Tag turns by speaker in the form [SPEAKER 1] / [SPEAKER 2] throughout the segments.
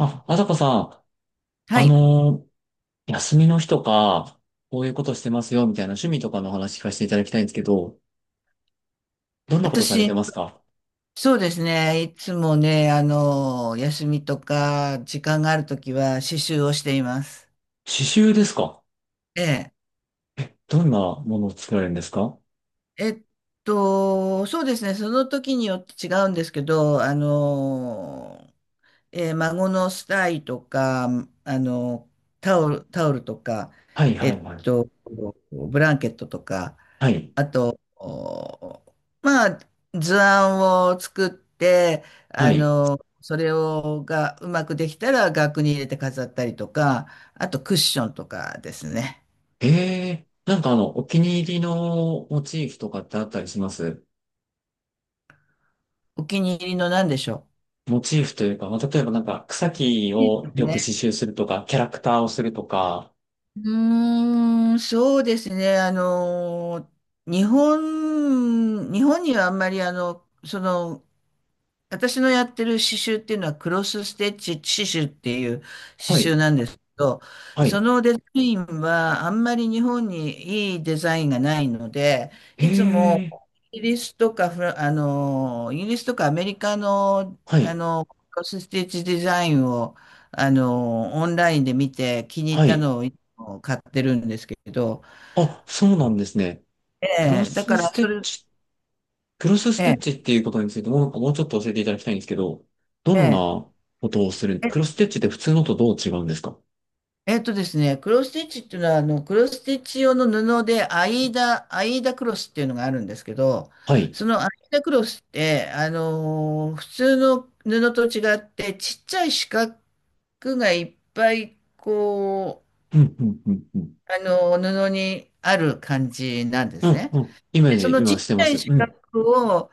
[SPEAKER 1] あ、あさこさん、
[SPEAKER 2] は
[SPEAKER 1] あ
[SPEAKER 2] い。
[SPEAKER 1] の休みの日とか、こういうことしてますよ、みたいな趣味とかの話聞かせていただきたいんですけど、どんなことされ
[SPEAKER 2] 私、
[SPEAKER 1] てますか？
[SPEAKER 2] そうですね。いつもね、休みとか、時間があるときは、刺繍をしています。
[SPEAKER 1] 刺繍ですか？
[SPEAKER 2] ええ。
[SPEAKER 1] どんなものを作られるんですか？
[SPEAKER 2] えっそうですね。その時によって違うんですけど、孫のスタイとか、あの、タオルとか、
[SPEAKER 1] はい、は
[SPEAKER 2] え
[SPEAKER 1] い、
[SPEAKER 2] っ
[SPEAKER 1] はい。
[SPEAKER 2] と、ブランケットとか、
[SPEAKER 1] はい、
[SPEAKER 2] あと、まあ、図案を作って、
[SPEAKER 1] はい。
[SPEAKER 2] それをがうまくできたら額に入れて飾ったりとか、あとクッションとかですね。
[SPEAKER 1] ええ、お気に入りのモチーフとかってあったりします？
[SPEAKER 2] お気に入りの何でしょ
[SPEAKER 1] モチーフというか、まあ、例えばなんか草木
[SPEAKER 2] ういいで
[SPEAKER 1] を
[SPEAKER 2] う
[SPEAKER 1] よく
[SPEAKER 2] ね。
[SPEAKER 1] 刺繍するとか、キャラクターをするとか、
[SPEAKER 2] そうですね。日本にはあんまり私のやってる刺繍っていうのはクロスステッチ刺繍っていう刺
[SPEAKER 1] は
[SPEAKER 2] 繍
[SPEAKER 1] い、
[SPEAKER 2] なんですけど、
[SPEAKER 1] は
[SPEAKER 2] そ
[SPEAKER 1] い。
[SPEAKER 2] のデザインはあんまり日本にいいデザインがないので、いつも
[SPEAKER 1] ええ。
[SPEAKER 2] イギリスとかアメリカの、
[SPEAKER 1] はい、
[SPEAKER 2] クロスステッチデザインを、オンラインで見て気に入っ
[SPEAKER 1] は
[SPEAKER 2] た
[SPEAKER 1] い。
[SPEAKER 2] のをいつも買ってるんですけど、
[SPEAKER 1] あ、そうなんですね。クロ
[SPEAKER 2] ええ、だか
[SPEAKER 1] ス
[SPEAKER 2] ら
[SPEAKER 1] ステ
[SPEAKER 2] そ
[SPEAKER 1] ッ
[SPEAKER 2] れ、
[SPEAKER 1] チ、クロスス
[SPEAKER 2] え
[SPEAKER 1] テッ
[SPEAKER 2] え、
[SPEAKER 1] チっていうことについてもうちょっと教えていただきたいんですけど、どん
[SPEAKER 2] え
[SPEAKER 1] なことをする、
[SPEAKER 2] え
[SPEAKER 1] クロスステッチって普通のとどう違うんですか？
[SPEAKER 2] えっとですね、クロスステッチっていうのは、クロスステッチ用の布で、アイーダクロスっていうのがあるんですけど、
[SPEAKER 1] はい。
[SPEAKER 2] そのアイーダクロスって、普通の布と違って、ちっちゃい四角がいっぱい、
[SPEAKER 1] うん、うん、うん、うん。
[SPEAKER 2] 布にある感じなんで
[SPEAKER 1] う
[SPEAKER 2] す
[SPEAKER 1] ん、
[SPEAKER 2] ね。
[SPEAKER 1] うん。イメ
[SPEAKER 2] で、
[SPEAKER 1] ー
[SPEAKER 2] そ
[SPEAKER 1] ジ、
[SPEAKER 2] のちっ
[SPEAKER 1] 今
[SPEAKER 2] ち
[SPEAKER 1] してま
[SPEAKER 2] ゃい
[SPEAKER 1] す。
[SPEAKER 2] 四
[SPEAKER 1] う
[SPEAKER 2] 角
[SPEAKER 1] ん。
[SPEAKER 2] を、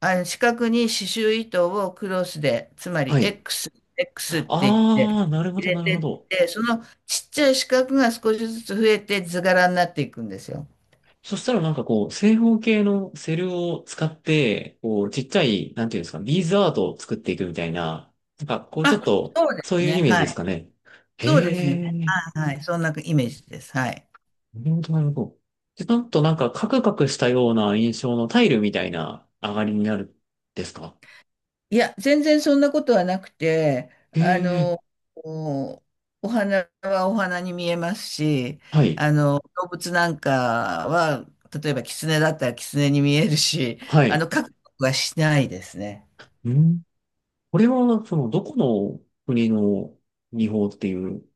[SPEAKER 2] あの四角に刺繍糸をクロスで、つまり
[SPEAKER 1] はい。
[SPEAKER 2] X、X って言っ
[SPEAKER 1] あ
[SPEAKER 2] て
[SPEAKER 1] ー、なるほ
[SPEAKER 2] 入
[SPEAKER 1] ど、
[SPEAKER 2] れ
[SPEAKER 1] なる
[SPEAKER 2] て
[SPEAKER 1] ほ
[SPEAKER 2] っ
[SPEAKER 1] ど。
[SPEAKER 2] て、そのちっちゃい四角が少しずつ増えて図柄になっていくんですよ。
[SPEAKER 1] そしたらなんかこう、正方形のセルを使って、こう、ちっちゃい、なんていうんですか、ビーズアートを作っていくみたいな、なんかこう、ちょ
[SPEAKER 2] あ、
[SPEAKER 1] っと、
[SPEAKER 2] そうで
[SPEAKER 1] そう
[SPEAKER 2] す
[SPEAKER 1] いう
[SPEAKER 2] ね。
[SPEAKER 1] イメージ
[SPEAKER 2] は
[SPEAKER 1] ですか
[SPEAKER 2] い。
[SPEAKER 1] ね。
[SPEAKER 2] そうです
[SPEAKER 1] へ
[SPEAKER 2] ね。
[SPEAKER 1] ー。
[SPEAKER 2] はい。そんなイメージです。はい。
[SPEAKER 1] なるほど、なるほど。で、なんとカクカクしたような印象のタイルみたいな上がりになるんですか？
[SPEAKER 2] いや、全然そんなことはなくて、
[SPEAKER 1] え
[SPEAKER 2] あ
[SPEAKER 1] え、
[SPEAKER 2] の、お、お花はお花に見えますし、
[SPEAKER 1] はい、
[SPEAKER 2] 動物なんかは、例えば狐だったら狐に見えるし、
[SPEAKER 1] はい。
[SPEAKER 2] 描くことはしないですね。
[SPEAKER 1] うん。これは、その、どこの国の技法っていう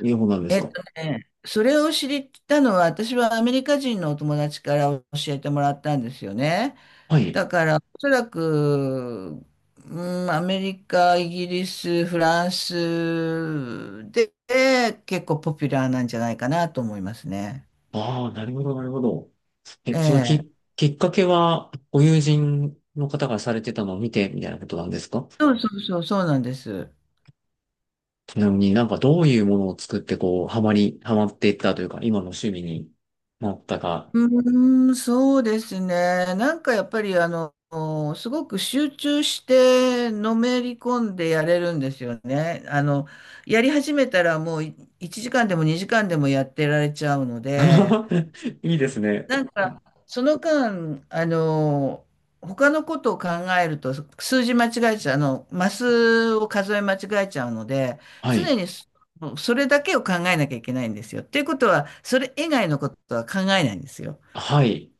[SPEAKER 1] 技法なんです
[SPEAKER 2] えっ
[SPEAKER 1] か？
[SPEAKER 2] とね、それを知ったのは、私はアメリカ人のお友達から教えてもらったんですよね。
[SPEAKER 1] はい。
[SPEAKER 2] だから、おそらく、うん、アメリカ、イギリス、フランスで結構ポピュラーなんじゃないかなと思いますね。
[SPEAKER 1] ああ、なるほど、なるほど。え、
[SPEAKER 2] え
[SPEAKER 1] その
[SPEAKER 2] え。
[SPEAKER 1] きっかけは、ご友人の方がされてたのを見て、みたいなことなんですか？
[SPEAKER 2] そうなんです。
[SPEAKER 1] ちなみになんかどういうものを作って、こう、ハマっていったというか、今の趣味になったか、
[SPEAKER 2] うーん、そうですね。なんかやっぱりあの、すごく集中してのめり込んでやれるんですよね。やり始めたらもう1時間でも2時間でもやってられちゃうので、
[SPEAKER 1] いいですね。
[SPEAKER 2] なんかその間、他のことを考えると数字間違えちゃう、あの、マスを数え間違えちゃうので、
[SPEAKER 1] は
[SPEAKER 2] 常
[SPEAKER 1] い。
[SPEAKER 2] にそそれだけを考えなきゃいけないんですよ。っていうことは、それ以外のことは考えないんですよ。っ
[SPEAKER 1] はい。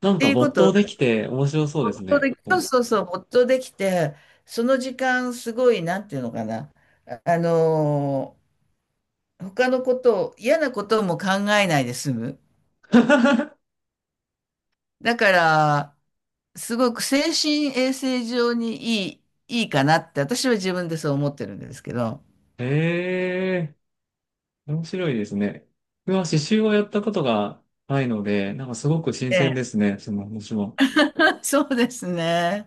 [SPEAKER 1] なん
[SPEAKER 2] て
[SPEAKER 1] か
[SPEAKER 2] いうこ
[SPEAKER 1] 没頭
[SPEAKER 2] と
[SPEAKER 1] できて面白そうで
[SPEAKER 2] 没
[SPEAKER 1] す
[SPEAKER 2] 頭
[SPEAKER 1] ね。
[SPEAKER 2] で没頭できて、その時間、すごい、なんていうのかな、あ、あのー他のことを、嫌なことも考えないで済む。だから、すごく精神衛生上にいい、いいかなって、私は自分でそう思ってるんですけど。
[SPEAKER 1] へえ、面白いですね。うわ、刺繍はやったことがないので、なんかすごく新
[SPEAKER 2] え
[SPEAKER 1] 鮮で
[SPEAKER 2] え。
[SPEAKER 1] すね。その話も。
[SPEAKER 2] そうですね。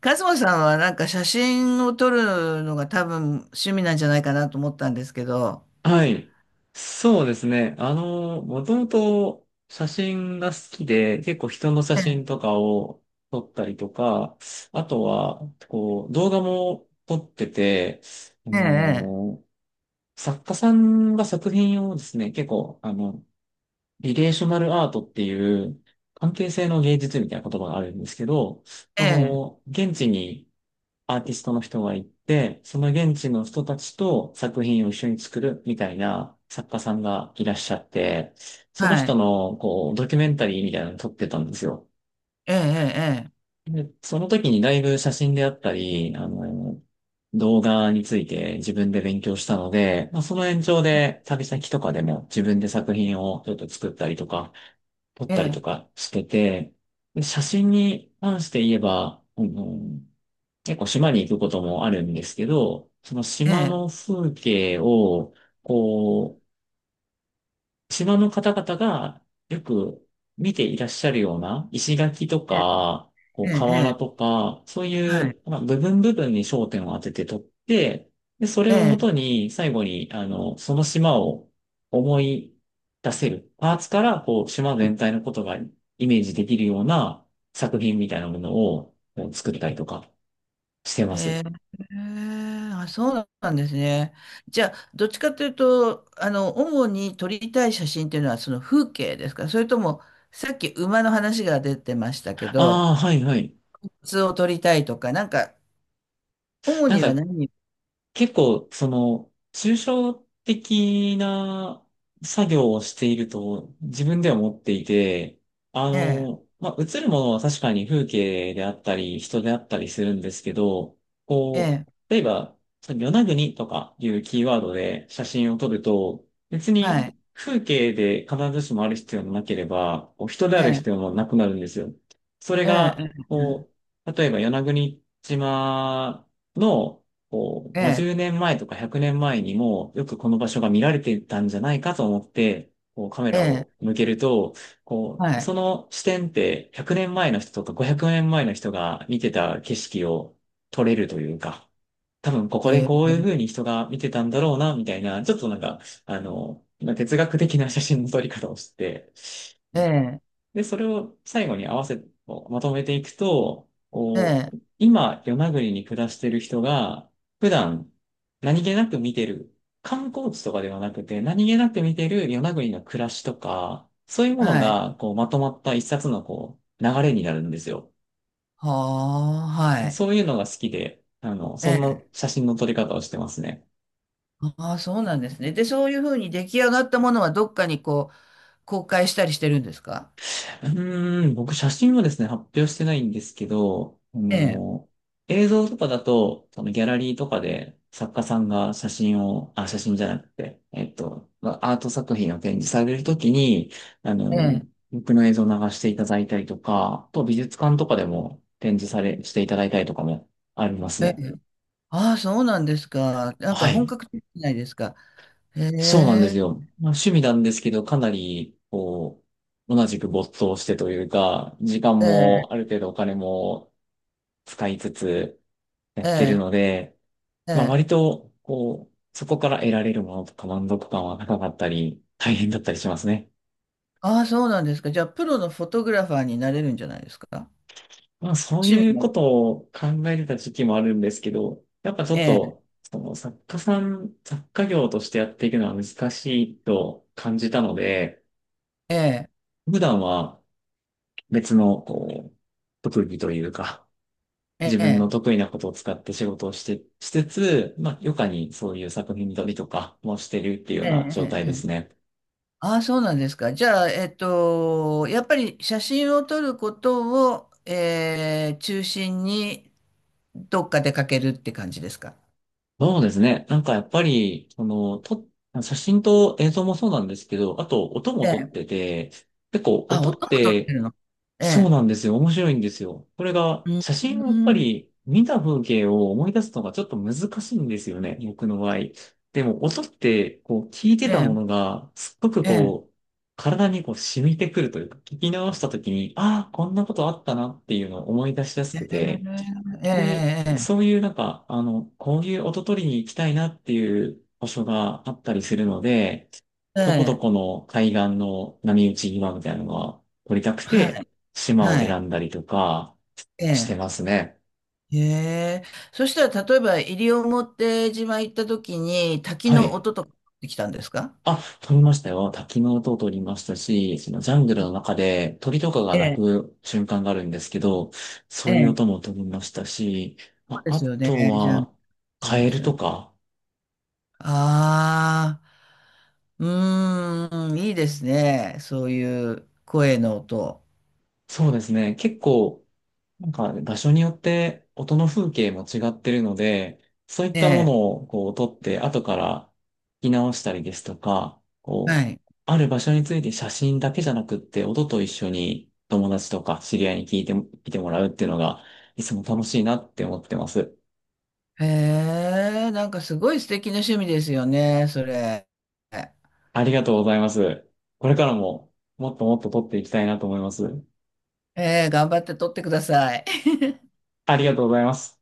[SPEAKER 2] カズマさんはなんか写真を撮るのが多分趣味なんじゃないかなと思ったんですけど。
[SPEAKER 1] はい。そうですね。あの、もともと写真が好きで、結構人の写
[SPEAKER 2] ええ、
[SPEAKER 1] 真とかを撮ったりとか、あとは、こう、動画も撮ってて、あ
[SPEAKER 2] ええ、
[SPEAKER 1] の、作家さんが作品をですね、結構、あの、リレーショナルアートっていう関係性の芸術みたいな言葉があるんですけど、
[SPEAKER 2] え
[SPEAKER 1] そ
[SPEAKER 2] え、え
[SPEAKER 1] の、
[SPEAKER 2] え、
[SPEAKER 1] 現地にアーティストの人が行って、その現地の人たちと作品を一緒に作るみたいな作家さんがいらっしゃって、その
[SPEAKER 2] は
[SPEAKER 1] 人
[SPEAKER 2] い、
[SPEAKER 1] の、こう、ドキュメンタリーみたいなのを撮ってたんですよ。
[SPEAKER 2] ええ、
[SPEAKER 1] で、その時にだいぶ写真であったり、あの、動画について自分で勉強したので、まあ、その延長で旅先とかでも自分で作品をちょっと作ったりとか、撮っ
[SPEAKER 2] ええ、
[SPEAKER 1] たりと
[SPEAKER 2] ええ。
[SPEAKER 1] かしてて、で、写真に関して言えば、あの、結構島に行くこともあるんですけど、その
[SPEAKER 2] え
[SPEAKER 1] 島
[SPEAKER 2] え、
[SPEAKER 1] の風景を、こう、島の方々がよく見ていらっしゃるような石垣とか、こ
[SPEAKER 2] え
[SPEAKER 1] う
[SPEAKER 2] え、え
[SPEAKER 1] 瓦
[SPEAKER 2] え、
[SPEAKER 1] とか、そうい
[SPEAKER 2] はい、
[SPEAKER 1] う、まあ、部分部分に焦点を当てて撮って、で、そ
[SPEAKER 2] え
[SPEAKER 1] れをも
[SPEAKER 2] え、
[SPEAKER 1] とに最後に、あの、その島を思い出せる、パーツから、こう、島全体のことがイメージできるような作品みたいなものをこう作ったりとかしてます。
[SPEAKER 2] へえ。あ、そうなんですね。じゃあ、どっちかというと、主に撮りたい写真っていうのはその風景ですか、それとも、さっき馬の話が出てましたけど、
[SPEAKER 1] ああ、はいはい。
[SPEAKER 2] 普通を撮りたいとか、なんか、主
[SPEAKER 1] なん
[SPEAKER 2] には
[SPEAKER 1] か
[SPEAKER 2] 何。
[SPEAKER 1] 結構、その、抽象的な作業をしていると自分では思っていて、あ
[SPEAKER 2] ええ、
[SPEAKER 1] の、まあ、映るものは確かに風景であったり、人であったりするんですけど、
[SPEAKER 2] え
[SPEAKER 1] こ
[SPEAKER 2] え、
[SPEAKER 1] う、例えば、その与那国とかいうキーワードで写真を撮ると、別
[SPEAKER 2] は
[SPEAKER 1] に
[SPEAKER 2] い、
[SPEAKER 1] 風景で必ずしもある必要もなければ、こう人で
[SPEAKER 2] え
[SPEAKER 1] ある
[SPEAKER 2] え、
[SPEAKER 1] 必要もなくなるんですよ。それ
[SPEAKER 2] え
[SPEAKER 1] が、
[SPEAKER 2] え、
[SPEAKER 1] こう、例えば与那国島のこう、
[SPEAKER 2] ええ、
[SPEAKER 1] 50年前とか100年前にもよくこの場所が見られてたんじゃないかと思って、こうカメ
[SPEAKER 2] え
[SPEAKER 1] ラ
[SPEAKER 2] え、
[SPEAKER 1] を向けると、こ
[SPEAKER 2] は
[SPEAKER 1] う、
[SPEAKER 2] い、
[SPEAKER 1] その視点って100年前の人とか500年前の人が見てた景色を撮れるというか、多分ここで
[SPEAKER 2] え
[SPEAKER 1] こ
[SPEAKER 2] え、
[SPEAKER 1] ういう風に人が見てたんだろうな、みたいな、ちょっとなんか、あの、まあ哲学的な写真の撮り方をして、う
[SPEAKER 2] え
[SPEAKER 1] ん、
[SPEAKER 2] え、
[SPEAKER 1] で、それを最後に合わせ、こうまとめていくと、こ
[SPEAKER 2] ええ、
[SPEAKER 1] う、今、与那国に暮らしてる人が、普段、何気なく見てる、観光地とかではなくて、何気なく見てる与那国の暮らしとか、そういうもの
[SPEAKER 2] はい、
[SPEAKER 1] が、こう、まとまった一冊の、こう、流れになるんですよ。
[SPEAKER 2] はあ、は
[SPEAKER 1] で、
[SPEAKER 2] い、
[SPEAKER 1] そういうのが好きで、あの、
[SPEAKER 2] え
[SPEAKER 1] そん
[SPEAKER 2] え。
[SPEAKER 1] な写真の撮り方をしてますね。
[SPEAKER 2] ああ、そうなんですね。で、そういうふうに出来上がったものはどっかにこう、公開したりしてるんですか？
[SPEAKER 1] うーん、僕写真はですね、発表してないんですけど、あ
[SPEAKER 2] ええ、
[SPEAKER 1] の、映像とかだと、そのギャラリーとかで作家さんが写真を、あ、写真じゃなくて、まあアート作品を展示されるときに、あ
[SPEAKER 2] え
[SPEAKER 1] の、
[SPEAKER 2] え、
[SPEAKER 1] 僕の映像を流していただいたりとか、あと美術館とかでも展示され、していただいたりとかもあります
[SPEAKER 2] ええ。
[SPEAKER 1] ね。
[SPEAKER 2] ああ、そうなんですか。なんか
[SPEAKER 1] は
[SPEAKER 2] 本
[SPEAKER 1] い。
[SPEAKER 2] 格的じゃないですか。へ
[SPEAKER 1] そうなんです
[SPEAKER 2] え、
[SPEAKER 1] よ。まあ、趣味なんですけど、かなり、こう、同じく没頭してというか、時間
[SPEAKER 2] ええ、
[SPEAKER 1] もある程度お金も使いつつや
[SPEAKER 2] え
[SPEAKER 1] ってるの
[SPEAKER 2] え、
[SPEAKER 1] で、
[SPEAKER 2] え
[SPEAKER 1] まあ
[SPEAKER 2] え。
[SPEAKER 1] 割と、こう、そこから得られるものとか満足感は高かったり、大変だったりしますね。
[SPEAKER 2] ああ、そうなんですか。じゃあ、プロのフォトグラファーになれるんじゃないですか？
[SPEAKER 1] まあそう
[SPEAKER 2] 趣
[SPEAKER 1] い
[SPEAKER 2] 味
[SPEAKER 1] うこ
[SPEAKER 2] も。
[SPEAKER 1] とを考えてた時期もあるんですけど、やっぱちょ
[SPEAKER 2] え
[SPEAKER 1] っ
[SPEAKER 2] え、
[SPEAKER 1] と、その作家さん、作家業としてやっていくのは難しいと感じたので、
[SPEAKER 2] ええ、
[SPEAKER 1] 普段は別の、こう、特技というか、
[SPEAKER 2] え
[SPEAKER 1] 自分の
[SPEAKER 2] え、
[SPEAKER 1] 得意なことを使って仕事をして、しつつ、まあ、余暇にそういう作品撮りとかもしてるっていうよう
[SPEAKER 2] え
[SPEAKER 1] な
[SPEAKER 2] え、
[SPEAKER 1] 状態
[SPEAKER 2] え
[SPEAKER 1] で
[SPEAKER 2] え。
[SPEAKER 1] すね。
[SPEAKER 2] ああ、そうなんですか。じゃあ、やっぱり写真を撮ることを、ええ、中心にどっか出かけるって感じですか？
[SPEAKER 1] そうですね。なんかやっぱり、写真と映像もそうなんですけど、あと音も
[SPEAKER 2] え
[SPEAKER 1] 撮っ
[SPEAKER 2] え。
[SPEAKER 1] てて、結構
[SPEAKER 2] あ、
[SPEAKER 1] 音っ
[SPEAKER 2] 音も取って
[SPEAKER 1] て、
[SPEAKER 2] るの。え
[SPEAKER 1] そうな
[SPEAKER 2] え。
[SPEAKER 1] んですよ。面白いんですよ、これが。
[SPEAKER 2] う
[SPEAKER 1] 写真はやっぱ
[SPEAKER 2] ん。
[SPEAKER 1] り見た風景を思い出すのがちょっと難しいんですよね、僕の場合。でも、音って、こう、聞いて
[SPEAKER 2] え
[SPEAKER 1] たもの
[SPEAKER 2] え。
[SPEAKER 1] が、すっごく
[SPEAKER 2] ええ。
[SPEAKER 1] こう、体にこう染みてくるというか、聞き直した時に、ああ、こんなことあったなっていうのを思い出しやすくて、
[SPEAKER 2] え
[SPEAKER 1] で、
[SPEAKER 2] え。
[SPEAKER 1] そういうなんか、あの、こういう音取りに行きたいなっていう場所があったりするので、
[SPEAKER 2] ええ。え
[SPEAKER 1] どこど
[SPEAKER 2] え。え
[SPEAKER 1] こ
[SPEAKER 2] え、
[SPEAKER 1] の海岸の波打ち際みたいなのが撮りたく
[SPEAKER 2] は
[SPEAKER 1] て、
[SPEAKER 2] い。
[SPEAKER 1] 島を
[SPEAKER 2] はい。
[SPEAKER 1] 選んだりとか
[SPEAKER 2] え
[SPEAKER 1] し
[SPEAKER 2] え。
[SPEAKER 1] てますね。
[SPEAKER 2] へえ。そしたら、例えば、西表島行った時に、滝
[SPEAKER 1] は
[SPEAKER 2] の
[SPEAKER 1] い。
[SPEAKER 2] 音とか取ってきたんですか？
[SPEAKER 1] あ、撮りましたよ。滝の音を撮りましたし、そのジャングルの中で鳥とかが
[SPEAKER 2] え
[SPEAKER 1] 鳴
[SPEAKER 2] え。
[SPEAKER 1] く瞬間があるんですけど、そ
[SPEAKER 2] え
[SPEAKER 1] ういう音
[SPEAKER 2] え。
[SPEAKER 1] も撮りましたし、
[SPEAKER 2] そう
[SPEAKER 1] ま
[SPEAKER 2] で
[SPEAKER 1] あ、あ
[SPEAKER 2] すよ
[SPEAKER 1] と
[SPEAKER 2] ね。じゃあ、
[SPEAKER 1] は、
[SPEAKER 2] そう
[SPEAKER 1] カ
[SPEAKER 2] で
[SPEAKER 1] エ
[SPEAKER 2] す
[SPEAKER 1] ル
[SPEAKER 2] よ
[SPEAKER 1] と
[SPEAKER 2] ね。
[SPEAKER 1] か、
[SPEAKER 2] ああ。うーん。いいですね。そういう声の音。
[SPEAKER 1] そうですね。結構、なんか場所によって音の風景も違ってるので、そういっ
[SPEAKER 2] え
[SPEAKER 1] たも
[SPEAKER 2] え。
[SPEAKER 1] のをこう撮って後から聞き直したりですとか、
[SPEAKER 2] は
[SPEAKER 1] こう、
[SPEAKER 2] い。
[SPEAKER 1] ある場所について写真だけじゃなくって音と一緒に友達とか知り合いに聞いてもらうっていうのがいつも楽しいなって思ってます。
[SPEAKER 2] へえ、なんかすごい素敵な趣味ですよね、それ。
[SPEAKER 1] ありがとうございます。これからももっともっと撮っていきたいなと思います。
[SPEAKER 2] ええ、頑張って撮ってください。
[SPEAKER 1] ありがとうございます。